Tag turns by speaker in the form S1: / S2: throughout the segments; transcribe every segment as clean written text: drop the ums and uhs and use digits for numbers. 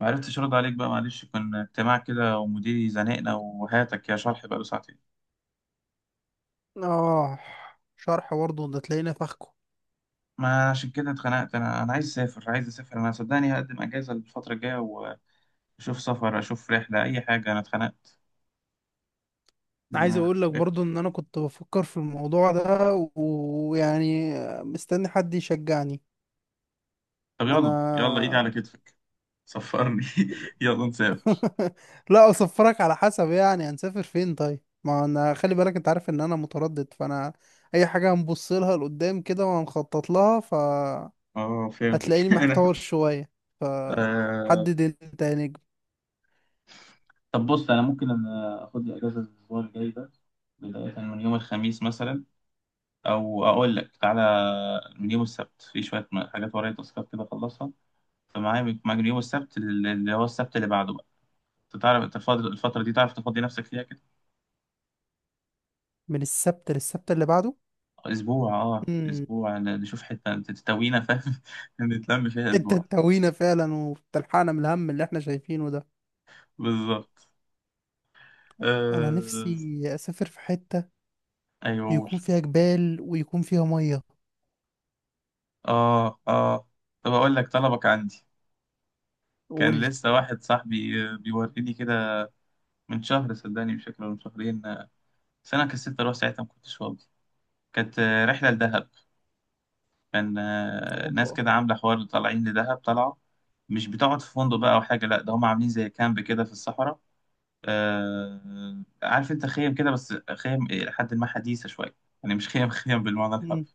S1: ما عرفتش ارد عليك بقى معلش كان اجتماع كده ومديري زنقنا وهاتك يا شرح بقى له ساعتين.
S2: اه. شرح برضه ده تلاقينا فخكه.
S1: ما عشان كده اتخنقت انا عايز اسافر عايز اسافر انا صدقني هقدم اجازه الفتره الجايه. واشوف سفر اشوف رحله اي حاجه انا اتخنقت
S2: عايز
S1: ما-
S2: اقول لك برضه ان انا كنت بفكر في الموضوع ده ويعني مستني حد يشجعني.
S1: طب
S2: انا
S1: يلا يلا ايدي على كتفك. سفرني يلا نسافر.
S2: لا اصفرك على حسب، يعني هنسافر فين؟ طيب ما انا خلي بالك، انت عارف ان انا متردد، فانا اي حاجة هنبص لها لقدام كده وهنخطط لها.
S1: اه فهمتك
S2: فهتلاقيني
S1: انا
S2: محتار شوية،
S1: آه...
S2: فحدد انت يا نجم.
S1: طب بص ممكن أنا اخد لي اجازه الاسبوع الجاي ده. بدايه من يوم الخميس مثلا. او اقول لك تعالى من يوم السبت في شويه حاجات ورايا تاسكات كده اخلصها. فمعايا من معايا من يوم السبت اللي هو السبت اللي بعده بقى. انت تعرف انت الفتره دي تعرف تفضي نفسك فيها كده.
S2: من السبت للسبت اللي
S1: اسبوع اه
S2: بعده.
S1: اسبوع نشوف حته تستوينا فاهم نتلم فيها
S2: انت
S1: اسبوع.
S2: تهوينا فعلا وبتلحقنا من الهم اللي احنا شايفينه ده.
S1: بالظبط.
S2: انا
S1: آه...
S2: نفسي اسافر في حتة
S1: ايوه قول.
S2: يكون فيها جبال ويكون فيها مية.
S1: اه اه. طب اقول لك طلبك عندي.
S2: قول
S1: كان
S2: لي.
S1: لسه واحد صاحبي بيوريني كده من شهر صدقني مش فاكر ولا من شهرين. بس انا كسلت اروح ساعتها ما كنتش فاضي. كانت رحله لدهب. كان ناس
S2: اوبا.
S1: كده عاملة حوار طالعين لدهب طلعوا. مش بتقعد في فندق بقى أو حاجة. لأ ده هم عاملين زي كامب كده في الصحراء. آه عارف أنت خيم كده بس خيم إلى حد ما حديثة شوية. يعني مش خيم خيم بالمعنى
S2: مم.
S1: الحرفي.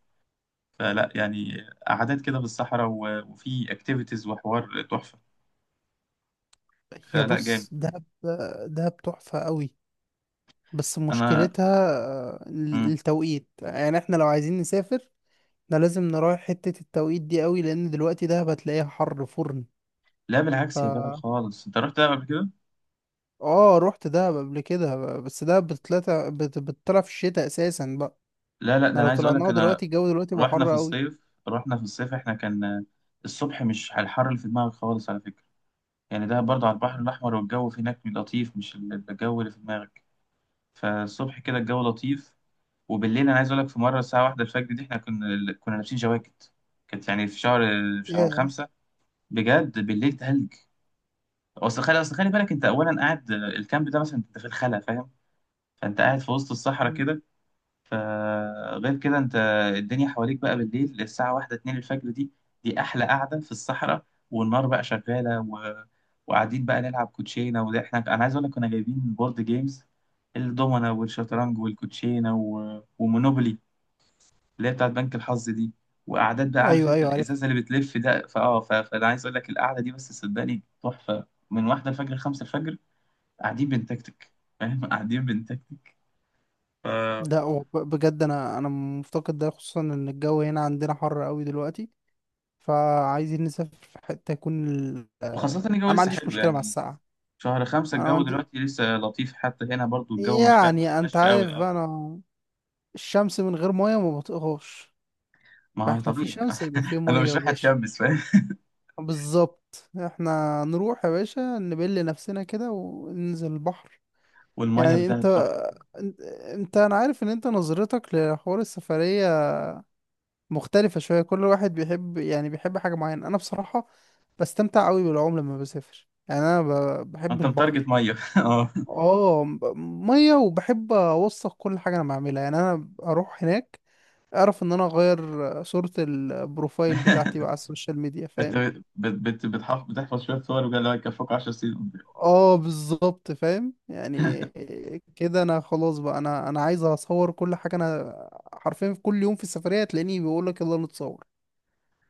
S1: فلا يعني. قعدات كده في الصحراء وفي اكتيفيتيز وحوار تحفة.
S2: هي
S1: فلا جامد.
S2: بص دهب. دهب تحفة قوي، بس
S1: أنا.
S2: مشكلتها
S1: مم.
S2: التوقيت. يعني احنا لو عايزين نسافر احنا لازم نراعي حتة التوقيت دي قوي، لان دلوقتي دهب هتلاقيها حر فرن.
S1: لا
S2: ف
S1: بالعكس يا جدع خالص. أنت رحت دهب قبل كده؟
S2: اه، رحت دهب قبل كده، بس دهب بتطلع بتطلع في الشتاء اساسا بقى.
S1: لا لا
S2: احنا
S1: ده أنا
S2: لو
S1: عايز أقول لك.
S2: طلعناها
S1: أنا
S2: دلوقتي الجو دلوقتي بقى
S1: رحنا
S2: حر
S1: في
S2: قوي.
S1: الصيف. رحنا في الصيف إحنا كان الصبح مش على الحر اللي في دماغك خالص على فكرة. يعني ده برضه على البحر الأحمر والجو في هناك لطيف مش الجو اللي في دماغك. فالصبح كده الجو لطيف. وبالليل أنا عايز أقولك في مرة الساعة واحدة الفجر دي إحنا كنا لابسين جواكت. كانت يعني في شهر
S2: ياه.
S1: خمسة. بجد بالليل تلج. أصل خلي بالك أنت أولا قاعد الكامب ده مثلا أنت في الخلا فاهم. فأنت قاعد في وسط الصحراء
S2: مم.
S1: كده. فغير كده انت الدنيا حواليك بقى بالليل الساعة واحدة اتنين الفجر دي. دي أحلى قعدة في الصحراء والنار بقى شغالة. وقاعدين بقى نلعب كوتشينة. وده أنا عايز أقول لك كنا جايبين بورد جيمز الدومنا والشطرنج والكوتشينة ومونوبولي اللي هي بتاعت بنك الحظ دي. وقعدات بقى عارف
S2: ايوه،
S1: انت
S2: ايوه، عارف.
S1: الإزازة اللي بتلف ده فأنا عايز أقول لك القعدة دي بس صدقني تحفة من واحدة الفجر لخمسة الفجر قاعدين بنتكتك فاهم قاعدين بنتكتك ف...
S2: لا، هو بجد انا مفتقد ده، خصوصا ان الجو هنا عندنا حر قوي دلوقتي. فعايزين نسافر في حته يكون
S1: وخاصة ان الجو
S2: انا ما
S1: لسه
S2: عنديش
S1: حلو
S2: مشكله مع
S1: يعني
S2: السقعه.
S1: شهر خمسة
S2: انا ما
S1: الجو
S2: عندي
S1: دلوقتي لسه لطيف حتى هنا برضو الجو مش فاهم ما
S2: يعني انت
S1: قفش قوي
S2: عارف
S1: اه.
S2: بقى، انا الشمس من غير ميه ما بطيقهاش.
S1: ما هو
S2: فاحنا في
S1: طبيعي
S2: شمس يبقى في ميه
S1: انا مش
S2: يا
S1: رايح
S2: باشا.
S1: اتشمس فاهم.
S2: بالظبط، احنا نروح يا باشا نبل نفسنا كده وننزل البحر.
S1: والميه في
S2: يعني انت
S1: دهب تحفه.
S2: انت انا عارف ان انت نظرتك لحوار السفرية مختلفة شوية. كل واحد بيحب، يعني بيحب حاجة معينة. أنا بصراحة بستمتع أوي بالعوم لما بسافر، يعني أنا بحب
S1: انت متارجت
S2: البحر.
S1: ميه اه.
S2: اه، مية، وبحب أوثق كل حاجة أنا بعملها. يعني أنا أروح هناك أعرف إن أنا أغير صورة البروفايل بتاعتي بقى على السوشيال ميديا،
S1: انت
S2: فاهم.
S1: بتحفظ شويه صور وقال لك يكفوك 10 سنين قدام.
S2: اه بالظبط، فاهم يعني. كده أنا خلاص بقى، أنا عايز أصور كل حاجة. أنا حرفيا في كل يوم في السفرية تلاقيني بيقولك يلا نتصور،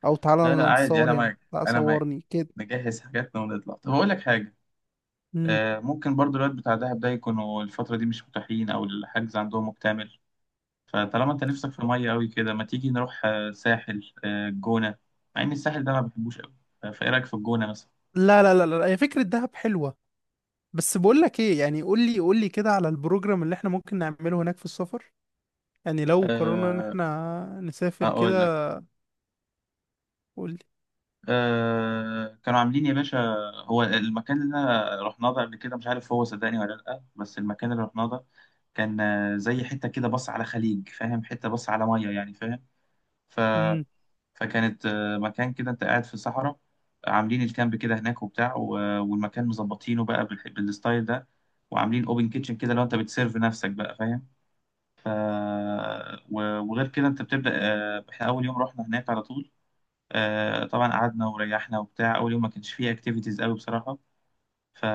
S2: أو
S1: لا
S2: تعالى
S1: لا عادي انا
S2: نتصور هنا،
S1: معاك.
S2: لا
S1: انا معاك.
S2: صورني كده.
S1: نجهز حاجاتنا ونطلع. طب اقول لك حاجه
S2: مم.
S1: ممكن برضو الوقت بتاع دهب ده يكونوا الفتره دي مش متاحين او الحجز عندهم مكتمل. فطالما انت نفسك في ميه قوي كده ما تيجي نروح ساحل الجونه مع ان الساحل ده ما بحبوش قوي. فايه رايك في الجونه مثلا؟
S2: لا، لا، لا، لا، هي فكرة دهب حلوة. بس بقول لك ايه، يعني قول لي، قول لي كده على البروجرام اللي احنا ممكن نعمله هناك في السفر، يعني لو قررنا ان
S1: أه
S2: احنا نسافر كده.
S1: اقول لك.
S2: قول لي.
S1: أه كانوا عاملين يا باشا هو المكان اللي أنا رحناه ده قبل كده مش عارف هو صدقني ولا لا. بس المكان اللي رحناه ده كان زي حته كده بص على خليج فاهم حته بص على ميه يعني فاهم. ف
S2: امم
S1: فكانت مكان كده انت قاعد في صحراء عاملين الكامب كده هناك وبتاع. والمكان مظبطينه بقى بالستايل ده. وعاملين اوبن كيتشن كده لو انت بتسيرف نفسك بقى فاهم. ف وغير كده انت بتبدأ احنا اول يوم رحنا هناك على طول. طبعا قعدنا وريحنا وبتاع اول يوم ما كانش فيه اكتيفيتيز قوي بصراحة. ف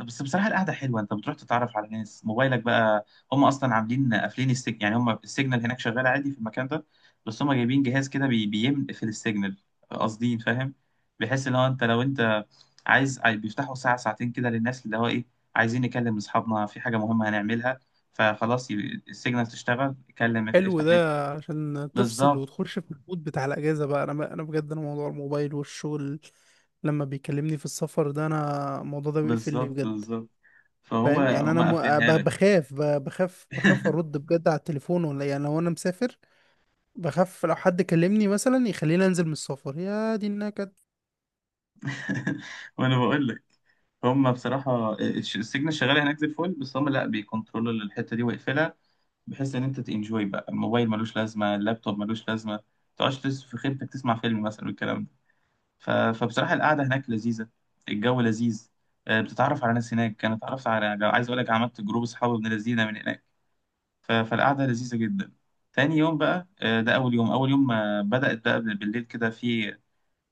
S1: بس بصراحه القعده حلوه انت بتروح تتعرف على ناس. موبايلك بقى هم اصلا عاملين قافلين السجن يعني هم السيجنال هناك شغال عادي في المكان ده. بس هم جايبين جهاز كده بيقفل السيجنال قاصدين فاهم. بحيث ان هو انت لو انت بيفتحوا ساعه ساعتين كده للناس اللي هو ايه عايزين نكلم اصحابنا في حاجه مهمه هنعملها. فخلاص يبقى السيجنال تشتغل كلم
S2: حلو
S1: افتح نت.
S2: ده عشان تفصل
S1: بالظبط.
S2: وتخش في المود بتاع الاجازة بقى. انا بقى، انا بجد، انا موضوع الموبايل والشغل لما بيكلمني في السفر ده، انا الموضوع ده بيقفلني
S1: بالظبط.
S2: بجد.
S1: بالظبط. فهو
S2: فاهم يعني
S1: هم
S2: انا
S1: قافلينها
S2: ب-
S1: لك
S2: بخاف ب- بخاف بخاف ارد بجد على التليفون، ولا يعني لو انا مسافر بخاف لو حد كلمني مثلا يخليني انزل من السفر، يا دي النكد.
S1: وانا بقول لك هم بصراحه السجن الشغاله هناك زي الفل. بس هم لا بيكنترولوا الحته دي ويقفلها بحيث ان انت تنجوي بقى. الموبايل ملوش لازمه. اللابتوب ملوش لازمه. ما تقعدش في خيمتك تسمع فيلم مثلا والكلام ده. فبصراحه القعده هناك لذيذه. الجو لذيذ بتتعرف على ناس هناك. انا اتعرفت على عايز اقول لك عملت جروب اصحاب ابن لذينه من هناك. فالقعده لذيذه جدا. تاني يوم بقى ده اول يوم بدأت بقى بالليل كده في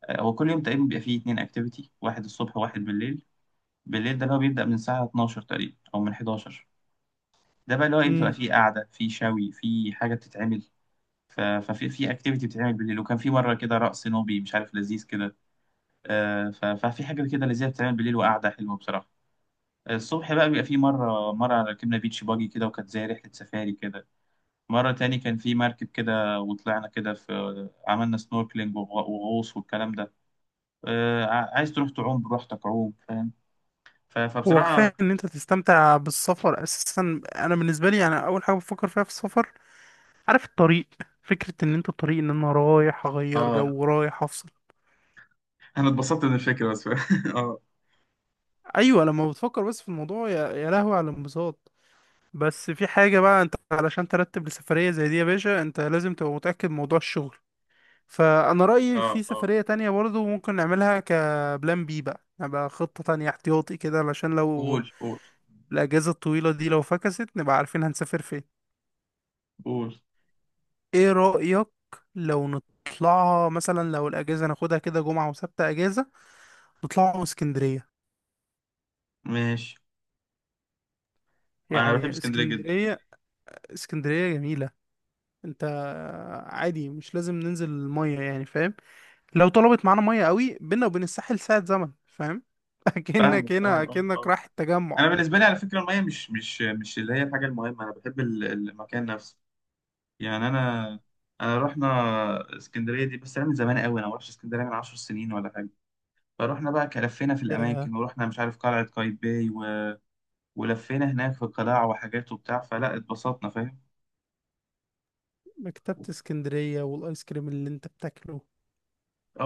S1: هو كل يوم تقريبا بيبقى فيه اتنين اكتيفيتي. واحد الصبح وواحد بالليل. بالليل ده اللي هو بيبدأ من الساعة 12 تقريبا أو من 11. ده بقى اللي هو بتبقى
S2: امم
S1: فيه قعدة فيه شوي فيه حاجة بتتعمل. ف- ففي في اكتيفيتي بتتعمل بالليل وكان في مرة كده رقص نوبي مش عارف لذيذ كده. آه، ف- ففي حاجة كده لذيذة بتتعمل بالليل وقعدة حلوة بصراحة. الصبح بقى بيبقى في مرة ركبنا بيتش باجي كده وكانت زي رحلة سفاري كده. مرة تاني كان في مركب كده وطلعنا كده في عملنا سنوركلينج وغوص والكلام ده. عايز تروح تعوم براحتك عوم فاهم.
S2: هو
S1: فبصراحة
S2: كفايه ان انت تستمتع بالسفر اساسا. انا بالنسبه لي يعني اول حاجه بفكر فيها في السفر، عارف الطريق. فكره ان انت الطريق، ان انا رايح اغير
S1: اه
S2: جو، رايح افصل.
S1: انا اتبسطت من الفكره بس اه.
S2: ايوه، لما بتفكر بس في الموضوع، يا لهوي على الانبساط. بس في حاجه بقى، انت علشان ترتب لسفريه زي دي يا باشا انت لازم تبقى متاكد من موضوع الشغل. فانا رايي
S1: اه
S2: في
S1: اه.
S2: سفريه تانية برضو ممكن نعملها كبلان بي بقى، نبقى خطه تانية احتياطي كده، علشان لو
S1: قول قول
S2: الاجازه الطويله دي لو فكست نبقى عارفين هنسافر فين.
S1: قول.
S2: ايه رأيك لو نطلعها مثلا، لو الأجازة ناخدها كده جمعة وسبت أجازة نطلعوا اسكندرية؟
S1: ماشي. انا بحب
S2: يعني
S1: اسكندريه جدا.
S2: اسكندرية. اسكندرية جميلة. انت عادي مش لازم ننزل المية، يعني فاهم، لو طلبت معانا مية قوي بينا وبين الساحل ساعة زمن، فاهم
S1: فاهمك.
S2: اكنك
S1: اه
S2: هنا،
S1: اه
S2: اكنك
S1: اه.
S2: رايح التجمع.
S1: انا بالنسبه لي على فكره الميه مش اللي هي الحاجه المهمه. انا بحب المكان نفسه. يعني انا. انا رحنا اسكندريه دي بس انا من زمان قوي انا ما رحتش اسكندريه من 10 سنين ولا حاجه. فرحنا بقى كلفينا في
S2: يا
S1: الاماكن ورحنا مش عارف قلعه قايتباي. ولفينا هناك في قلاع وحاجات وبتاع فلا اتبسطنا فاهم.
S2: مكتبة اسكندرية والايس كريم اللي انت بتاكله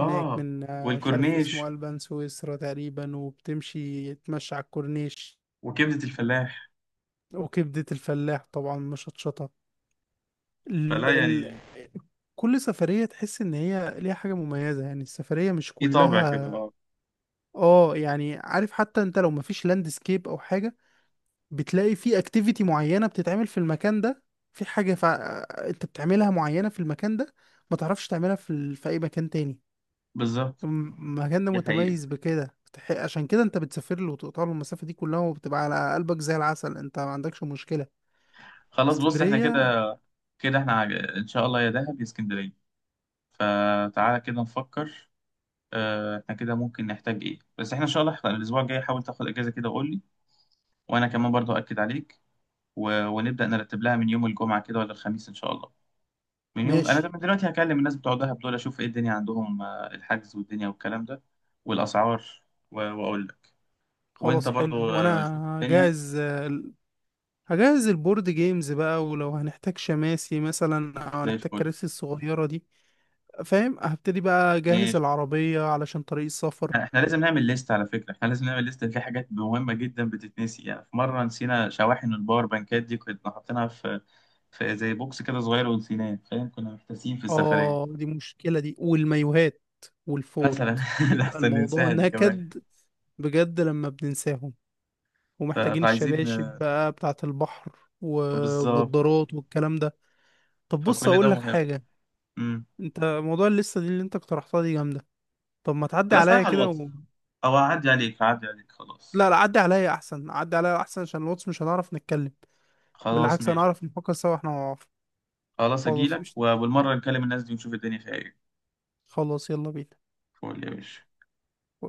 S2: هناك من مش عارف اسمه،
S1: والكورنيش
S2: ألبان سويسرا تقريبا. وبتمشي تمشي على الكورنيش.
S1: وكبده الفلاح
S2: وكبدة الفلاح طبعا مشطشطة. ال...
S1: فلا
S2: ال...
S1: يعني
S2: كل سفرية تحس إن هي ليها حاجة مميزة، يعني السفرية مش
S1: في طابع كده
S2: كلها.
S1: اه.
S2: اه يعني عارف، حتى انت لو مفيش لاندسكيب او حاجة بتلاقي في اكتيفيتي معينة بتتعمل في المكان ده. في حاجة انت بتعملها معينة في المكان ده، ما تعرفش تعملها في اي مكان تاني.
S1: بالظبط
S2: المكان ده
S1: دي
S2: متميز
S1: حقيقة.
S2: بكده، عشان كده انت بتسافر له وتقطع له المسافة دي كلها وبتبقى على قلبك زي العسل، انت ما عندكش مشكلة.
S1: خلاص بص احنا
S2: اسكندرية.
S1: كده. كده احنا ان شاء الله يا دهب يا اسكندرية. فتعالى كده نفكر. اه احنا كده ممكن نحتاج ايه بس احنا ان شاء الله احنا الاسبوع الجاي حاول تاخد اجازة كده وقول لي. وانا كمان برضو اكد عليك. ونبدأ نرتب لها من يوم الجمعة كده ولا الخميس ان شاء الله. من يوم انا ده
S2: ماشي.
S1: من دلوقتي هكلم الناس بتوع دهب دول اشوف ايه الدنيا عندهم الحجز والدنيا والكلام ده والاسعار. واقول لك. وانت
S2: خلاص، حلو،
S1: برضو شوف
S2: وانا
S1: الدنيا
S2: جاهز. هجهز البورد جيمز بقى، ولو هنحتاج شماسي مثلا او
S1: زي
S2: هنحتاج
S1: الفل.
S2: كراسي الصغيرة دي، فاهم. هبتدي بقى اجهز العربية علشان طريق السفر.
S1: يعني احنا لازم نعمل ليست على فكرة. احنا لازم نعمل ليست في حاجات مهمة جدا بتتنسي. يعني في مرة نسينا شواحن الباور بانكات دي كنا حاطينها في زي بوكس كده صغير ونسيناه فاهم. كنا محتاسين في السفرية
S2: اه دي مشكلة دي، والمايوهات
S1: مثلا
S2: والفوط بيبقى
S1: لحسن
S2: الموضوع
S1: ننساها دي كمان.
S2: نكد بجد لما بننساهم. ومحتاجين
S1: فعايزين
S2: الشباشب بقى بتاعة البحر
S1: بالظبط
S2: والنضارات والكلام ده. طب بص
S1: فكل ده
S2: اقول لك
S1: مهم.
S2: حاجة.
S1: امم.
S2: انت موضوع اللسة دي اللي انت اقترحتها دي جامدة، طب ما تعدي
S1: خلاص تعالى
S2: عليا
S1: على
S2: كده.
S1: الواتس. او اعدي عليك اعدي عليك خلاص.
S2: لا، لا، عدي عليا احسن، عدي عليا احسن، عشان الواتس مش هنعرف نتكلم.
S1: خلاص
S2: بالعكس
S1: ماشي.
S2: هنعرف نفكر سوا احنا مع بعض.
S1: خلاص
S2: خلاص
S1: اجيلك
S2: قشطة.
S1: وبالمرة نكلم الناس دي ونشوف الدنيا فيها ايه.
S2: خلاص يلا بينا.
S1: قول يا باشا.